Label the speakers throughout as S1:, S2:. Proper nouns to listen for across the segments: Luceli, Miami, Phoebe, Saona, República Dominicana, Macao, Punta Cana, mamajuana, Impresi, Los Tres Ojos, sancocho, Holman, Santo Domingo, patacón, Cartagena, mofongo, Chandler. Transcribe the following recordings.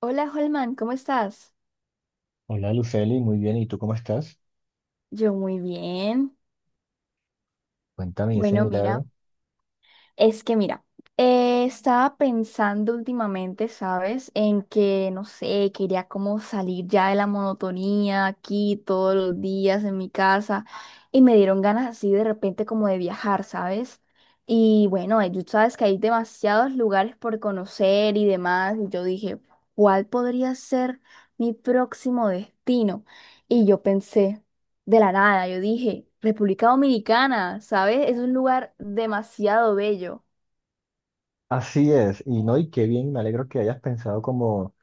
S1: Hola Holman, ¿cómo estás?
S2: Hola Luceli, muy bien, ¿y tú cómo estás?
S1: Yo muy bien.
S2: Cuéntame ese
S1: Bueno, mira,
S2: milagro.
S1: es que mira, estaba pensando últimamente, ¿sabes? En que, no sé, quería como salir ya de la monotonía aquí todos los días en mi casa y me dieron ganas así de repente como de viajar, ¿sabes? Y bueno, tú sabes que hay demasiados lugares por conocer y demás, y yo dije, ¿cuál podría ser mi próximo destino? Y yo pensé de la nada. Yo dije, República Dominicana, ¿sabes? Es un lugar demasiado bello.
S2: Así es, y no, y qué bien, me alegro que hayas pensado como,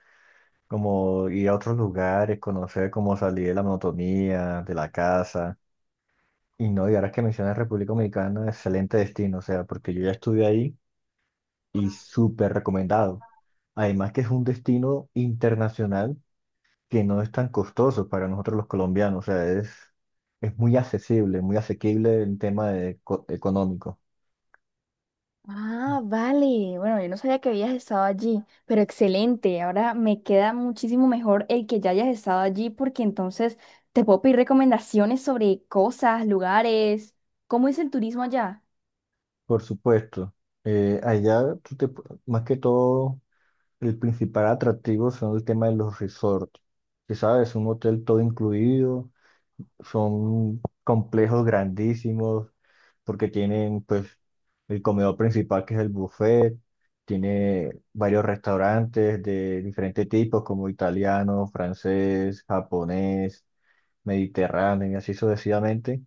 S2: como ir a otros lugares, conocer cómo salir de la monotonía, de la casa. Y no, y ahora que mencionas República Dominicana, excelente destino, o sea, porque yo ya estuve ahí y súper recomendado. Además que es un destino internacional que no es tan costoso para nosotros los colombianos, o sea, es muy accesible, muy asequible en tema de, económico.
S1: Ah, vale. Bueno, yo no sabía que habías estado allí, pero excelente. Ahora me queda muchísimo mejor el que ya hayas estado allí porque entonces te puedo pedir recomendaciones sobre cosas, lugares. ¿Cómo es el turismo allá?
S2: Por supuesto. Allá, más que todo, el principal atractivo son el tema de los resorts. Que sabes, un hotel todo incluido, son complejos grandísimos, porque tienen pues el comedor principal que es el buffet, tiene varios restaurantes de diferentes tipos como italiano, francés, japonés, mediterráneo y así sucesivamente.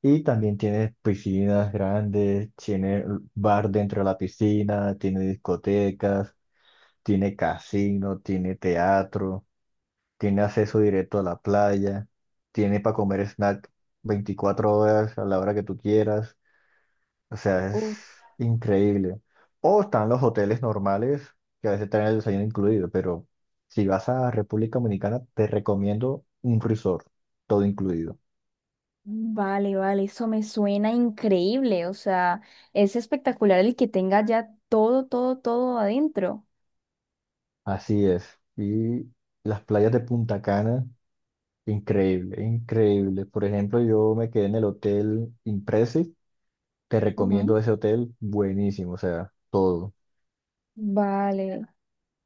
S2: Y también tiene piscinas grandes, tiene bar dentro de la piscina, tiene discotecas, tiene casino, tiene teatro, tiene acceso directo a la playa, tiene para comer snack 24 horas a la hora que tú quieras. O sea,
S1: Uf.
S2: es increíble. O están los hoteles normales, que a veces traen el desayuno incluido, pero si vas a República Dominicana, te recomiendo un resort, todo incluido.
S1: Vale, vale, eso me suena increíble. O sea, es espectacular el que tenga ya todo, todo, todo adentro.
S2: Así es. Y las playas de Punta Cana, increíble, increíble. Por ejemplo, yo me quedé en el hotel Impresi. Te recomiendo
S1: Ujú.
S2: ese hotel, buenísimo, o sea, todo.
S1: Vale.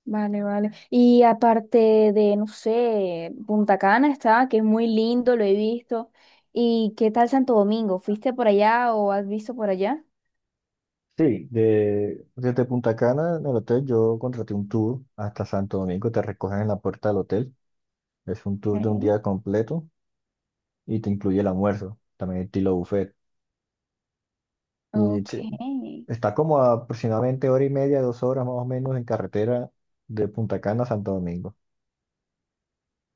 S1: Vale, vale. Y aparte de, no sé, Punta Cana está, que es muy lindo, lo he visto. ¿Y qué tal Santo Domingo? ¿Fuiste por allá o has visto por allá?
S2: Sí, desde Punta Cana, en el hotel, yo contraté un tour hasta Santo Domingo. Te recogen en la puerta del hotel. Es un tour de un
S1: Ok.
S2: día completo y te incluye el almuerzo, también estilo buffet. Y
S1: Ok.
S2: sí, está como a aproximadamente hora y media, 2 horas más o menos en carretera de Punta Cana a Santo Domingo.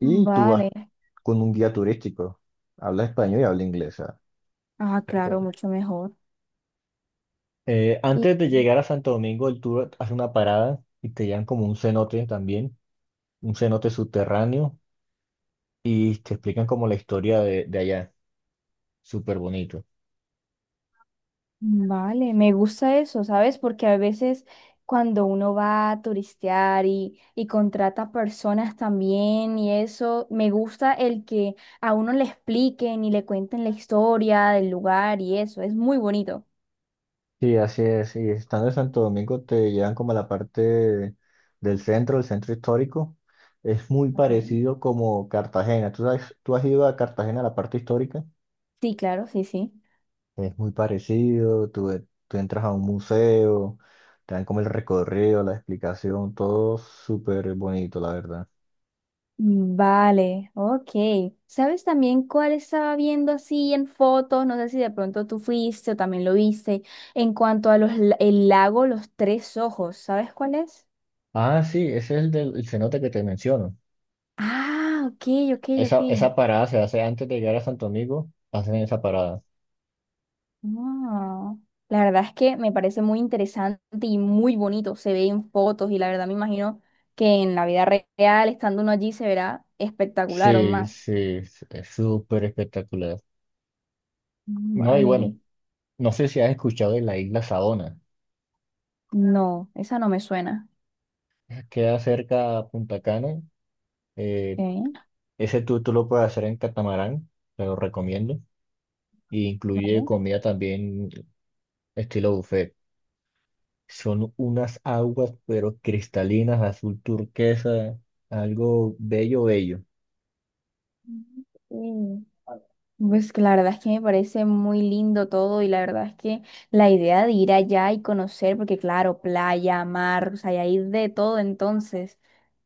S2: Y tú vas
S1: Vale.
S2: con un guía turístico. Habla español y habla inglés, o sea.
S1: Ah, claro, mucho mejor.
S2: Antes de llegar a Santo Domingo, el tour hace una parada y te llevan como un cenote también, un cenote subterráneo, y te explican como la historia de allá. Súper bonito.
S1: Vale, me gusta eso, ¿sabes? Porque a veces cuando uno va a turistear y contrata personas también y eso, me gusta el que a uno le expliquen y le cuenten la historia del lugar y eso, es muy bonito.
S2: Sí, así es. Y estando en Santo Domingo, te llevan como a la parte del centro, el centro histórico. Es muy
S1: Ok.
S2: parecido como Cartagena. Tú has ido a Cartagena, a la parte histórica?
S1: Sí, claro, sí, sí.
S2: Es muy parecido, tú, tú entras a un museo, te dan como el recorrido, la explicación, todo súper bonito, la verdad.
S1: Mm, vale, ok. ¿Sabes también cuál estaba viendo así en fotos? No sé si de pronto tú fuiste o también lo viste. En cuanto a el lago Los Tres Ojos, ¿sabes cuál es?
S2: Ah, sí, ese es el del el cenote que te menciono.
S1: Ah, ok, ok,
S2: Esa,
S1: ok.
S2: esa parada se hace antes de llegar a Santo Domingo, hacen esa parada.
S1: No. La verdad es que me parece muy interesante y muy bonito. Se ve en fotos y la verdad me imagino que en la vida real, estando uno allí, se verá espectacular aún
S2: Sí,
S1: más.
S2: sí, es súper espectacular.
S1: Mm,
S2: No, y bueno,
S1: vale.
S2: no sé si has escuchado de la isla Saona.
S1: No, esa no me suena.
S2: Queda cerca a Punta Cana. eh,
S1: Ok,
S2: Ese tú lo puedes hacer en catamarán, te lo recomiendo. Y incluye
S1: vale.
S2: comida también estilo buffet. Son unas aguas, pero cristalinas, azul turquesa, algo bello, bello.
S1: Sí. Pues que la verdad es que me parece muy lindo todo y la verdad es que la idea de ir allá y conocer, porque claro, playa, mar, o sea, y hay de todo entonces.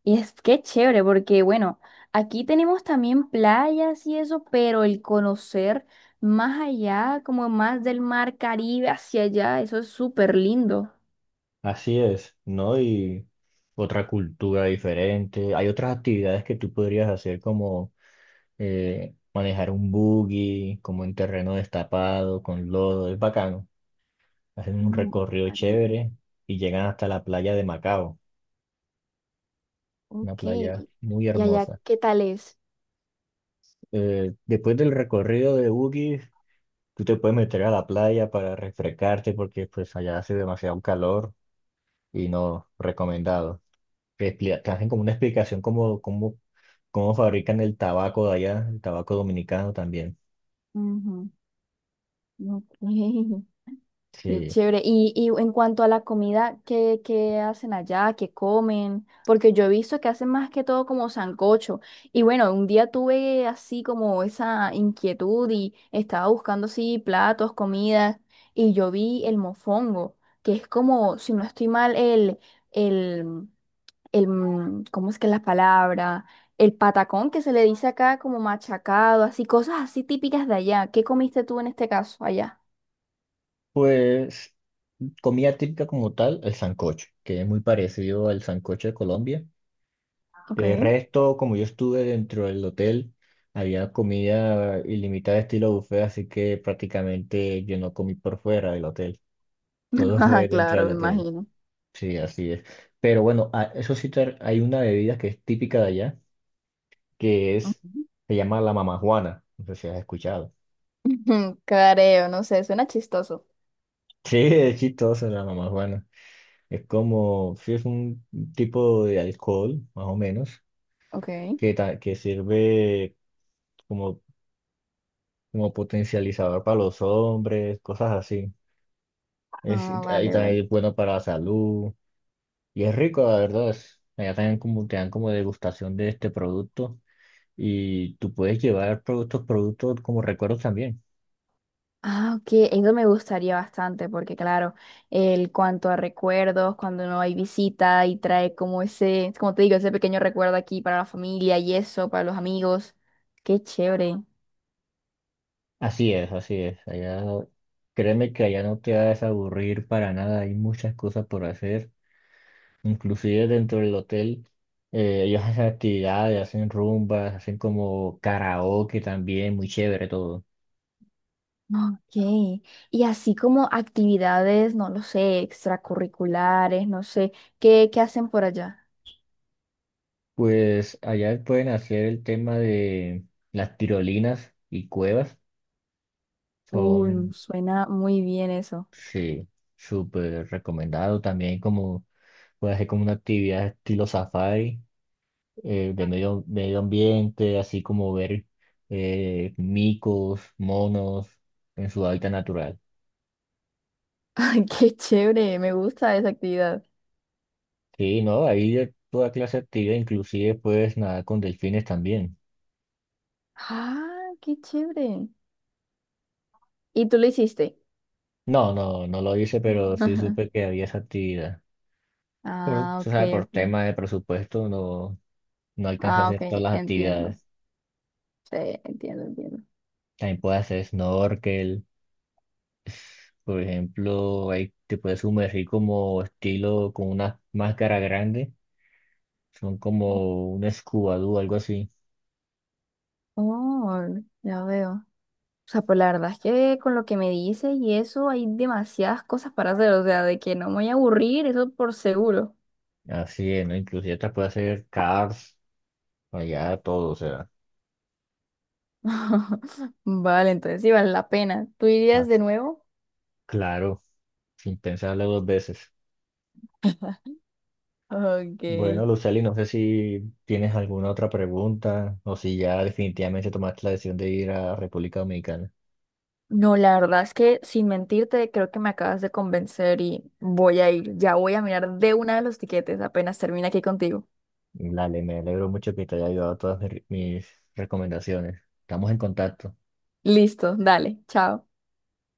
S1: Y es que chévere, porque bueno, aquí tenemos también playas y eso, pero el conocer más allá, como más del mar Caribe hacia allá, eso es súper lindo.
S2: Así es, ¿no? Y otra cultura diferente. Hay otras actividades que tú podrías hacer como manejar un buggy, como en terreno destapado, con lodo, es bacano. Hacen un
S1: Mm,
S2: recorrido
S1: vale.
S2: chévere y llegan hasta la playa de Macao, una
S1: Ok,
S2: playa muy
S1: ¿y allá
S2: hermosa.
S1: qué tal es?
S2: Después del recorrido de buggy, tú te puedes meter a la playa para refrescarte porque pues allá hace demasiado calor y no recomendado. Te hacen como una explicación cómo fabrican el tabaco de allá, el tabaco dominicano también.
S1: Ujú. Ok. Qué
S2: Sí.
S1: chévere. Y en cuanto a la comida, ¿qué, qué hacen allá? ¿Qué comen? Porque yo he visto que hacen más que todo como sancocho. Y bueno, un día tuve así como esa inquietud y estaba buscando así platos, comidas, y yo vi el mofongo, que es como, si no estoy mal, el, el ¿cómo es que es la palabra? El patacón que se le dice acá como machacado, así, cosas así típicas de allá. ¿Qué comiste tú en este caso allá?
S2: Pues comida típica como tal, el sancocho, que es muy parecido al sancocho de Colombia.
S1: Ok.
S2: De resto, como yo estuve dentro del hotel, había comida ilimitada estilo buffet, así que prácticamente yo no comí por fuera del hotel. Todo fue
S1: Ajá,
S2: dentro
S1: claro,
S2: del
S1: me
S2: hotel.
S1: imagino.
S2: Sí, así es. Pero bueno, eso sí, hay una bebida que es típica de allá, que es,
S1: Ujú.
S2: se llama la mamajuana. No sé si has escuchado.
S1: Careo, no sé, suena chistoso.
S2: Sí, es chistoso la mamajuana. Es como, sí, es un tipo de alcohol, más o menos,
S1: Ok.
S2: que sirve como, como potencializador para los hombres, cosas así. Es,
S1: Ah,
S2: ahí
S1: vale, vale.
S2: también es bueno para la salud. Y es rico, la verdad. Allá también como, te dan como degustación de este producto, y tú puedes llevar productos, productos como recuerdos también.
S1: Ah, ok, eso me gustaría bastante porque, claro, el cuanto a recuerdos, cuando no hay visita y trae como ese, como te digo, ese pequeño recuerdo aquí para la familia y eso, para los amigos. Qué chévere.
S2: Así es, así es. Allá, créeme que allá no te vas a aburrir para nada. Hay muchas cosas por hacer. Inclusive dentro del hotel, ellos hacen actividades, hacen rumbas, hacen como karaoke también, muy chévere todo.
S1: Ok. Y así como actividades, no lo sé, extracurriculares, no sé, ¿qué, qué hacen por allá?
S2: Pues allá pueden hacer el tema de las tirolinas y cuevas.
S1: Uy,
S2: Son,
S1: suena muy bien eso.
S2: sí, súper recomendado también como, puede hacer como una actividad estilo safari, de medio ambiente, así como ver micos, monos en su hábitat natural.
S1: Ay, qué chévere, me gusta esa actividad.
S2: Sí, no, hay de toda clase de actividad, inclusive puedes nadar con delfines también.
S1: Ah, qué chévere. ¿Y tú lo hiciste?
S2: No, no, no lo hice, pero sí
S1: Ajá.
S2: supe que había esa actividad. Por,
S1: Ah,
S2: tú
S1: ok,
S2: sabes, por
S1: ok.
S2: tema de presupuesto no, no alcanza a
S1: Ah, ok,
S2: hacer todas las
S1: entiendo.
S2: actividades.
S1: Sí, entiendo, entiendo.
S2: También puedes hacer snorkel. Por ejemplo, ahí te puedes sumergir como estilo con una máscara grande. Son como un Scooby algo así.
S1: Oh, ya veo. O sea, pues la verdad es que con lo que me dices y eso hay demasiadas cosas para hacer, o sea, de que no me voy a aburrir, eso por seguro.
S2: Así es, ¿no? Inclusive te puede hacer Cars, allá todo, o sea,
S1: Vale, entonces sí vale la pena. ¿Tú irías de
S2: as-
S1: nuevo?
S2: claro, sin pensarlo 2 veces.
S1: Ok.
S2: Bueno, Luceli, no sé si tienes alguna otra pregunta o si ya definitivamente tomaste la decisión de ir a República Dominicana.
S1: No, la verdad es que sin mentirte, creo que me acabas de convencer y voy a ir. Ya voy a mirar de una de los tiquetes apenas termine aquí contigo.
S2: Dale, me alegro mucho que te haya ayudado todas mis recomendaciones. Estamos en contacto.
S1: Listo, dale, chao.